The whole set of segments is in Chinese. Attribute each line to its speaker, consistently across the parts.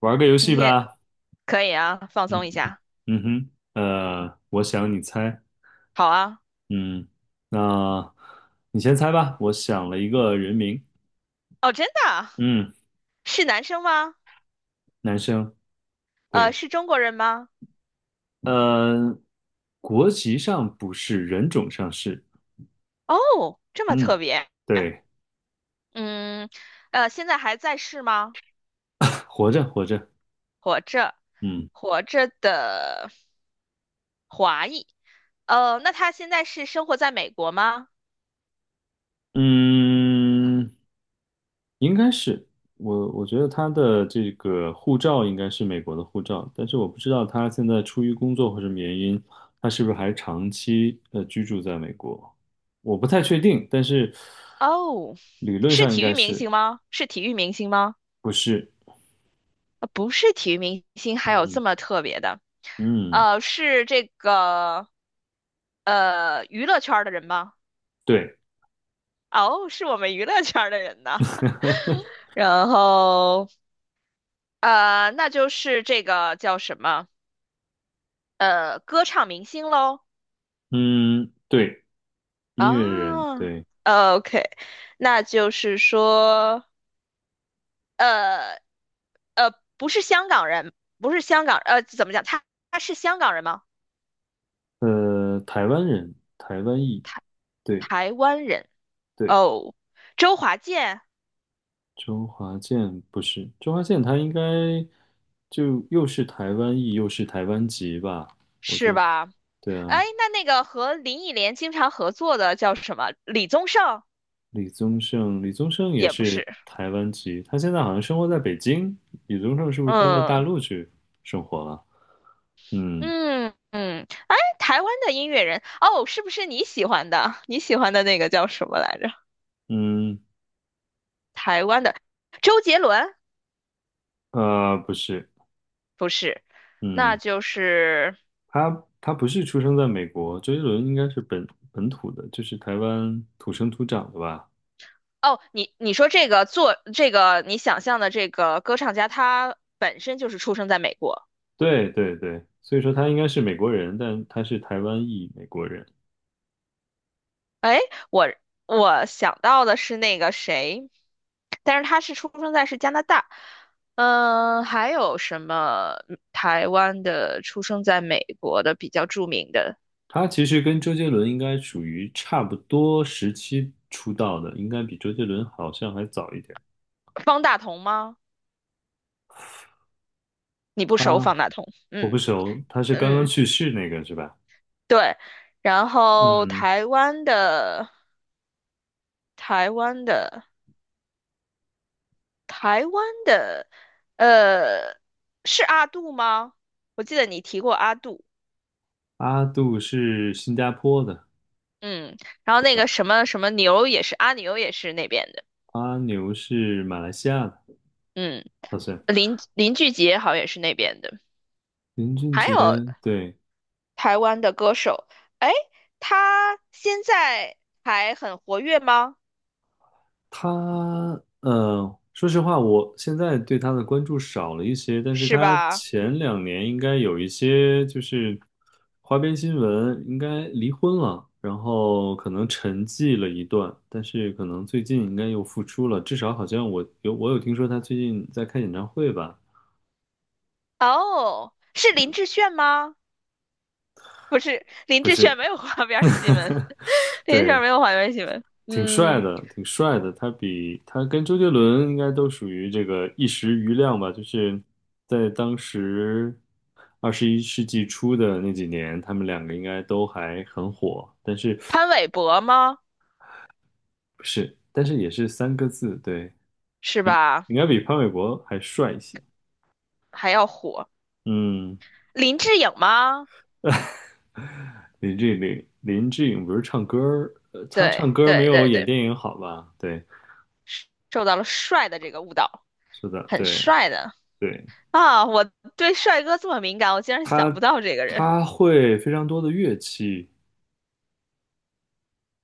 Speaker 1: 玩个游
Speaker 2: 今
Speaker 1: 戏
Speaker 2: 天
Speaker 1: 吧。
Speaker 2: 可以啊，放松
Speaker 1: 嗯
Speaker 2: 一下。
Speaker 1: 嗯哼，我想你猜。
Speaker 2: 好啊。
Speaker 1: 嗯，那你先猜吧。我想了一个人名。
Speaker 2: 哦，真的啊？
Speaker 1: 嗯，
Speaker 2: 是男生吗？
Speaker 1: 男生。对，
Speaker 2: 是中国人吗？
Speaker 1: 呃，国籍上不是，人种上是。
Speaker 2: 哦，这么特
Speaker 1: 嗯，
Speaker 2: 别。
Speaker 1: 对，
Speaker 2: 嗯。现在还在世吗？
Speaker 1: 活着活着。
Speaker 2: 活着，
Speaker 1: 嗯
Speaker 2: 活着的华裔。那他现在是生活在美国吗？
Speaker 1: 嗯，应该是我觉得他的这个护照应该是美国的护照，但是我不知道他现在出于工作或什么原因，他是不是还长期居住在美国，我不太确定，但是
Speaker 2: 哦，
Speaker 1: 理论
Speaker 2: 是
Speaker 1: 上应
Speaker 2: 体
Speaker 1: 该
Speaker 2: 育明
Speaker 1: 是
Speaker 2: 星吗？是体育明星吗？
Speaker 1: 不是？
Speaker 2: 不是体育明星，还有
Speaker 1: 嗯
Speaker 2: 这么特别的。
Speaker 1: 嗯，
Speaker 2: 是这个娱乐圈儿的人吗？
Speaker 1: 对，
Speaker 2: 哦，是我们娱乐圈儿的人呢。然后，那就是这个叫什么？歌唱明星喽。
Speaker 1: 嗯对，音乐人，
Speaker 2: 啊
Speaker 1: 对，
Speaker 2: ，OK，那就是说，呃呃，不是香港人，不是香港，怎么讲？他是香港人吗？
Speaker 1: 台湾人，台湾裔，
Speaker 2: 台
Speaker 1: 对
Speaker 2: 台湾人。
Speaker 1: 对。
Speaker 2: 哦，周华健
Speaker 1: 周华健不是，周华健他应该就又是台湾裔又是台湾籍吧？我觉
Speaker 2: 是
Speaker 1: 得
Speaker 2: 吧？
Speaker 1: 对啊，
Speaker 2: 哎，那个和林忆莲经常合作的叫什么？李宗盛
Speaker 1: 李宗盛，李宗盛也
Speaker 2: 也不
Speaker 1: 是
Speaker 2: 是。
Speaker 1: 台湾籍，他现在好像生活在北京。李宗盛是不是搬到大
Speaker 2: 嗯
Speaker 1: 陆去生活了？嗯
Speaker 2: 嗯嗯，哎，台湾的音乐人哦，是不是你喜欢的？你喜欢的那个叫什么来着？
Speaker 1: 嗯,
Speaker 2: 台湾的周杰伦
Speaker 1: 不是，
Speaker 2: 不是，那
Speaker 1: 嗯，
Speaker 2: 就是。
Speaker 1: 他不是出生在美国，周杰伦应该是本土的，就是台湾土生土长的吧？
Speaker 2: 哦，你说这个做这个你想象的这个歌唱家，他本身就是出生在美国。
Speaker 1: 对对对，所以说他应该是美国人，但他是台湾裔美国人。
Speaker 2: 哎，我我想到的是那个谁，但是他是出生在是加拿大。嗯，还有什么台湾的出生在美国的比较著名的？
Speaker 1: 他其实跟周杰伦应该属于差不多时期出道的，应该比周杰伦好像还早一点。
Speaker 2: 方大同吗？你不熟方
Speaker 1: 他
Speaker 2: 大同？
Speaker 1: 我不
Speaker 2: 嗯
Speaker 1: 熟，他是刚刚
Speaker 2: 嗯，
Speaker 1: 去世那个是吧？
Speaker 2: 对。然后
Speaker 1: 嗯，
Speaker 2: 台湾的台湾的台湾的，呃，是阿杜吗？我记得你提过阿杜。
Speaker 1: 阿杜是新加坡的，
Speaker 2: 嗯，然后
Speaker 1: 对
Speaker 2: 那
Speaker 1: 吧？
Speaker 2: 个什么什么牛也是阿牛也是那边的。
Speaker 1: 阿牛是马来西亚的，
Speaker 2: 嗯，
Speaker 1: 好像。
Speaker 2: 林俊杰好像也是那边的。
Speaker 1: 林俊
Speaker 2: 还
Speaker 1: 杰，
Speaker 2: 有
Speaker 1: 对，
Speaker 2: 台湾的歌手，哎，他现在还很活跃吗？
Speaker 1: 他，说实话，我现在对他的关注少了一些，但是
Speaker 2: 是
Speaker 1: 他
Speaker 2: 吧？
Speaker 1: 前两年应该有一些就是花边新闻，应该离婚了，然后可能沉寂了一段，但是可能最近应该又复出了，至少好像我有听说他最近在开演唱会吧？
Speaker 2: 哦，是林志炫吗？林
Speaker 1: 不
Speaker 2: 志
Speaker 1: 是，
Speaker 2: 炫没有花边儿新闻。林志炫
Speaker 1: 对，
Speaker 2: 没有花边儿新闻。
Speaker 1: 挺帅
Speaker 2: 嗯，
Speaker 1: 的，挺帅的。他跟周杰伦应该都属于这个一时瑜亮吧，就是在当时二十一世纪初的那几年，他们两个应该都还很火。但是
Speaker 2: 潘玮柏吗？
Speaker 1: 不是？但是也是三个字，对，
Speaker 2: 是吧？
Speaker 1: 应该比潘玮柏还帅一些。
Speaker 2: 还要火，
Speaker 1: 嗯，
Speaker 2: 林志颖吗？
Speaker 1: 林志玲，林志颖不是唱歌儿,他
Speaker 2: 对
Speaker 1: 唱歌儿没
Speaker 2: 对
Speaker 1: 有
Speaker 2: 对
Speaker 1: 演
Speaker 2: 对，
Speaker 1: 电影好吧？对，
Speaker 2: 受到了帅的这个误导，
Speaker 1: 是的，
Speaker 2: 很
Speaker 1: 对。
Speaker 2: 帅的
Speaker 1: 对
Speaker 2: 啊！我对帅哥这么敏感，我竟然想
Speaker 1: 他
Speaker 2: 不到这个人
Speaker 1: 他会非常多的乐器，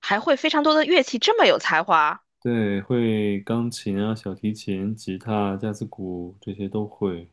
Speaker 2: 还会非常多的乐器，这么有才华，
Speaker 1: 对，会钢琴啊、小提琴、吉他、架子鼓这些都会。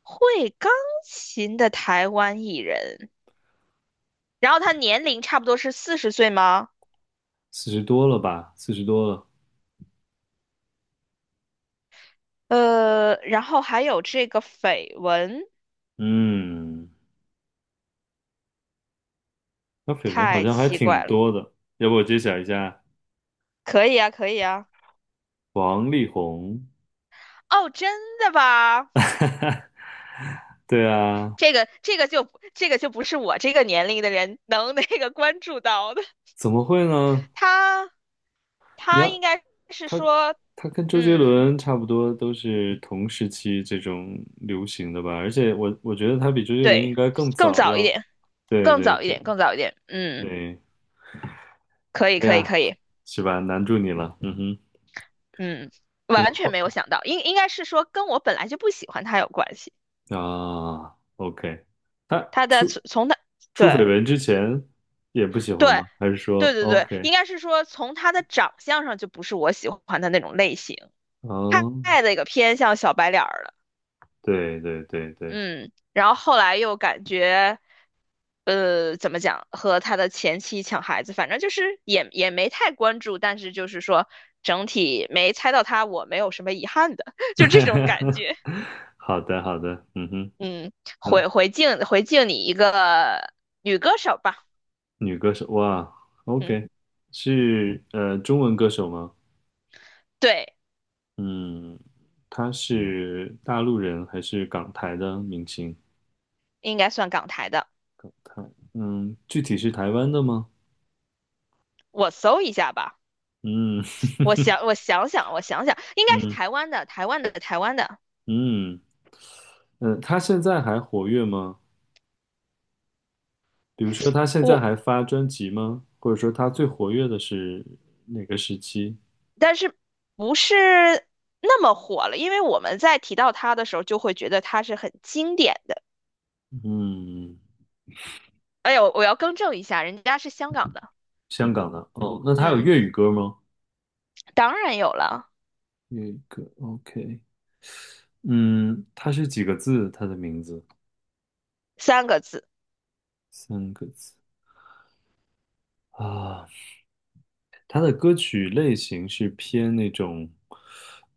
Speaker 2: 会钢琴的台湾艺人，然后他年龄差不多是40岁吗？
Speaker 1: 四十多了吧？四十多了。
Speaker 2: 然后还有这个绯闻，
Speaker 1: 嗯，他绯闻好
Speaker 2: 太
Speaker 1: 像还
Speaker 2: 奇
Speaker 1: 挺
Speaker 2: 怪了。
Speaker 1: 多的。要不我揭晓一下
Speaker 2: 可以啊，可以啊。
Speaker 1: 王力宏？
Speaker 2: 哦，真的吧？
Speaker 1: 对啊，
Speaker 2: 这个这个就不这个就不是我这个年龄的人能那个关注到的。
Speaker 1: 怎么会呢？
Speaker 2: 他
Speaker 1: 你
Speaker 2: 他
Speaker 1: 要
Speaker 2: 应该是
Speaker 1: 他
Speaker 2: 说，
Speaker 1: 他跟周杰
Speaker 2: 嗯，
Speaker 1: 伦差不多都是同时期这种流行的吧？而且我觉得他比周杰伦应
Speaker 2: 对，
Speaker 1: 该更
Speaker 2: 更
Speaker 1: 早
Speaker 2: 早一
Speaker 1: 要。
Speaker 2: 点，
Speaker 1: 对
Speaker 2: 更
Speaker 1: 对
Speaker 2: 早一
Speaker 1: 对
Speaker 2: 点，更早一点。嗯，
Speaker 1: 对。
Speaker 2: 可以，
Speaker 1: 哎
Speaker 2: 可以，
Speaker 1: 呀，
Speaker 2: 可以。
Speaker 1: 是吧？难住你了，嗯哼，
Speaker 2: 嗯，
Speaker 1: 现在
Speaker 2: 完全
Speaker 1: 换
Speaker 2: 没有想到，应该是说跟我本来就不喜欢他有关系。
Speaker 1: 啊，OK,他
Speaker 2: 他的
Speaker 1: 出
Speaker 2: 从他。
Speaker 1: 出
Speaker 2: 对。
Speaker 1: 绯闻之前也不喜欢吗？
Speaker 2: 对，
Speaker 1: 还是说
Speaker 2: 对对对，
Speaker 1: OK?
Speaker 2: 应该是说从他的长相上就不是我喜欢的那种类型，
Speaker 1: 哦，
Speaker 2: 太那个偏向小白脸儿了。
Speaker 1: 对对对对，
Speaker 2: 嗯，然后后来又感觉，怎么讲，和他的前妻抢孩子，反正就是也没太关注，但是就是说整体没猜到他，我没有什么遗憾的，就这种感 觉。
Speaker 1: 好的好的，嗯哼，
Speaker 2: 嗯，
Speaker 1: 那
Speaker 2: 回敬你一个女歌手吧。
Speaker 1: 女歌手哇
Speaker 2: 嗯，
Speaker 1: ，OK,是中文歌手吗？
Speaker 2: 对，
Speaker 1: 嗯，她是大陆人还是港台的明星？
Speaker 2: 应该算港台的，
Speaker 1: 台，嗯，具体是台湾的吗？
Speaker 2: 我搜一下吧。
Speaker 1: 嗯
Speaker 2: 我想想，我想 想，应该是
Speaker 1: 嗯
Speaker 2: 台湾的，台湾的，台湾的。
Speaker 1: 嗯嗯，他现在还活跃吗？比如说，他现在
Speaker 2: 我
Speaker 1: 还发专辑吗？或者说，他最活跃的是哪个时期？
Speaker 2: 但是不是那么火了，因为我们在提到他的时候，就会觉得他是很经典的。
Speaker 1: 嗯，
Speaker 2: 哎呦，我要更正一下，人家是香港的。
Speaker 1: 香港的。哦，那他有
Speaker 2: 嗯，
Speaker 1: 粤语歌吗？
Speaker 2: 当然有了，
Speaker 1: 粤语歌，OK。嗯，他是几个字？他的名字
Speaker 2: 三个字，
Speaker 1: 三个字啊。他的歌曲类型是偏那种，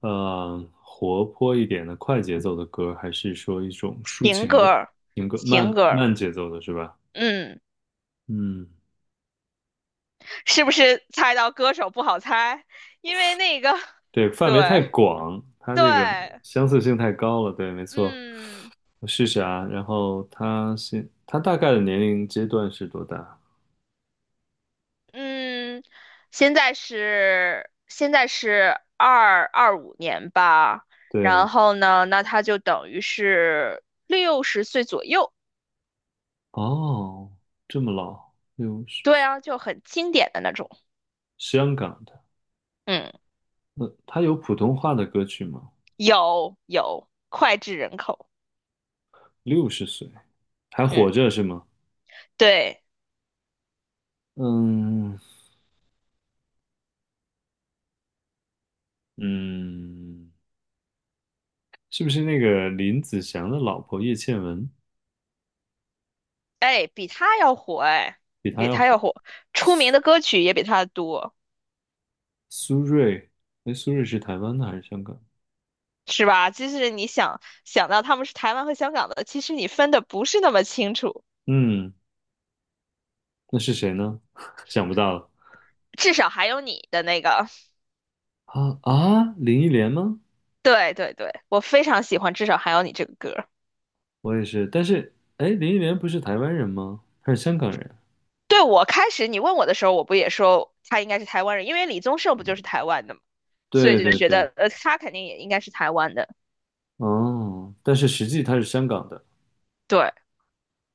Speaker 1: 活泼一点的快节奏的歌，还是说一种抒
Speaker 2: 情
Speaker 1: 情
Speaker 2: 歌
Speaker 1: 的
Speaker 2: 儿。
Speaker 1: 情歌，
Speaker 2: 情
Speaker 1: 慢
Speaker 2: 歌儿。
Speaker 1: 慢节奏的是吧？
Speaker 2: 嗯，
Speaker 1: 嗯。
Speaker 2: 是不是猜到歌手不好猜？因为那个，
Speaker 1: 对，范围太
Speaker 2: 对
Speaker 1: 广，它
Speaker 2: 对，
Speaker 1: 这个相似性太高了。对，没错，
Speaker 2: 嗯。
Speaker 1: 我试试啊。然后他大概的年龄阶段是多大？
Speaker 2: 嗯，现在是二二五年吧，
Speaker 1: 对，
Speaker 2: 然后呢，那他就等于是60岁左右，
Speaker 1: 哦，这么老，六十
Speaker 2: 对
Speaker 1: 岁，
Speaker 2: 啊，就很经典的那种，
Speaker 1: 香港的。
Speaker 2: 嗯，
Speaker 1: 那他有普通话的歌曲吗？
Speaker 2: 有脍炙人口，
Speaker 1: 六十岁还活
Speaker 2: 嗯，
Speaker 1: 着是吗？
Speaker 2: 对，
Speaker 1: 嗯嗯，是不是那个林子祥的老婆叶倩文
Speaker 2: 哎，比他要火，哎，
Speaker 1: 比他
Speaker 2: 比
Speaker 1: 要
Speaker 2: 他
Speaker 1: 火？
Speaker 2: 要火，出名的歌曲也比他多，
Speaker 1: 苏芮，哎，苏芮是台湾的还是香港？
Speaker 2: 是吧？就是你想到他们是台湾和香港的，其实你分的不是那么清楚，
Speaker 1: 嗯。那是谁呢？想不到了
Speaker 2: 至少还有你的那个。
Speaker 1: 啊啊！林忆莲吗？
Speaker 2: 对对对，我非常喜欢，至少还有你这个歌。
Speaker 1: 我也是，但是哎，林忆莲不是台湾人吗？她是香港人。
Speaker 2: 对，我开始你问我的时候，我不也说他应该是台湾人，因为李宗盛不就是台湾的嘛，所以
Speaker 1: 对
Speaker 2: 就
Speaker 1: 对
Speaker 2: 觉
Speaker 1: 对，
Speaker 2: 得他肯定也应该是台湾的。
Speaker 1: 哦，但是实际她是香港的。
Speaker 2: 对，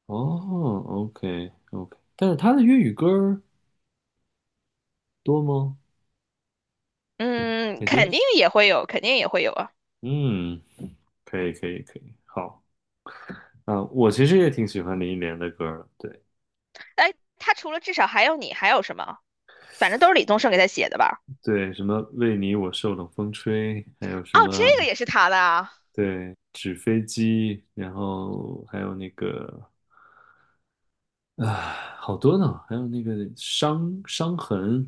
Speaker 1: 哦，OK OK,但是她的粤语歌儿多吗？感觉
Speaker 2: 嗯，
Speaker 1: 感觉，
Speaker 2: 肯定也会有，肯定也会有啊。
Speaker 1: 嗯，可以可以可以，好啊，我其实也挺喜欢林忆莲的歌儿的。对
Speaker 2: 哎，他除了至少还有你，还有什么？反正都是李宗盛给他写的吧？
Speaker 1: 对，什么为你我受冷风吹，还有什
Speaker 2: 哦，这个
Speaker 1: 么
Speaker 2: 也是他的啊，
Speaker 1: 对纸飞机，然后还有那个。啊，好多呢，还有那个伤痕，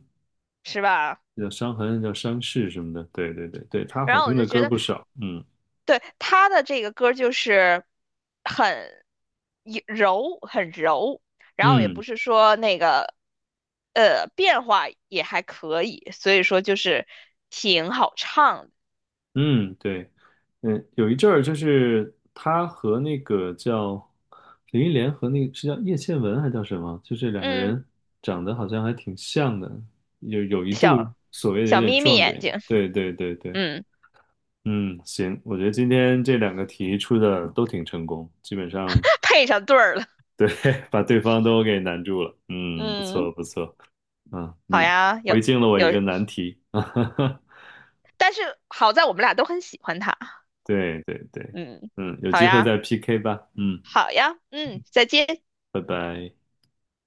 Speaker 2: 是吧？
Speaker 1: 叫伤痕，叫伤势什么的。对对对对，他
Speaker 2: 然
Speaker 1: 好
Speaker 2: 后
Speaker 1: 听
Speaker 2: 我
Speaker 1: 的
Speaker 2: 就觉
Speaker 1: 歌
Speaker 2: 得
Speaker 1: 不少。嗯
Speaker 2: 对，他的这个歌儿就是很很柔，然后也不
Speaker 1: 嗯
Speaker 2: 是说那个变化也还可以，所以说就是挺好唱的。
Speaker 1: 嗯，对，嗯，有一阵儿就是他和那个叫林忆莲和那个是叫叶倩文还叫什么，就这两个
Speaker 2: 嗯，
Speaker 1: 人长得好像还挺像的，有一度
Speaker 2: 小
Speaker 1: 所谓的有
Speaker 2: 小
Speaker 1: 点
Speaker 2: 眯眯
Speaker 1: 撞
Speaker 2: 眼
Speaker 1: 脸。
Speaker 2: 睛，
Speaker 1: 对对对对，
Speaker 2: 嗯，
Speaker 1: 嗯，行，我觉得今天这两个题出的都挺成功，基本上。
Speaker 2: 配上对儿了。
Speaker 1: 对，把对方都给难住了。嗯，不
Speaker 2: 嗯，
Speaker 1: 错不错。嗯，
Speaker 2: 好
Speaker 1: 你
Speaker 2: 呀，有
Speaker 1: 回敬了我一
Speaker 2: 有，
Speaker 1: 个难题。
Speaker 2: 但是好在我们俩都很喜欢他。
Speaker 1: 对对对，
Speaker 2: 嗯，
Speaker 1: 嗯，有
Speaker 2: 好
Speaker 1: 机会
Speaker 2: 呀，
Speaker 1: 再 PK 吧。嗯，
Speaker 2: 好呀，嗯，再见。
Speaker 1: 拜拜。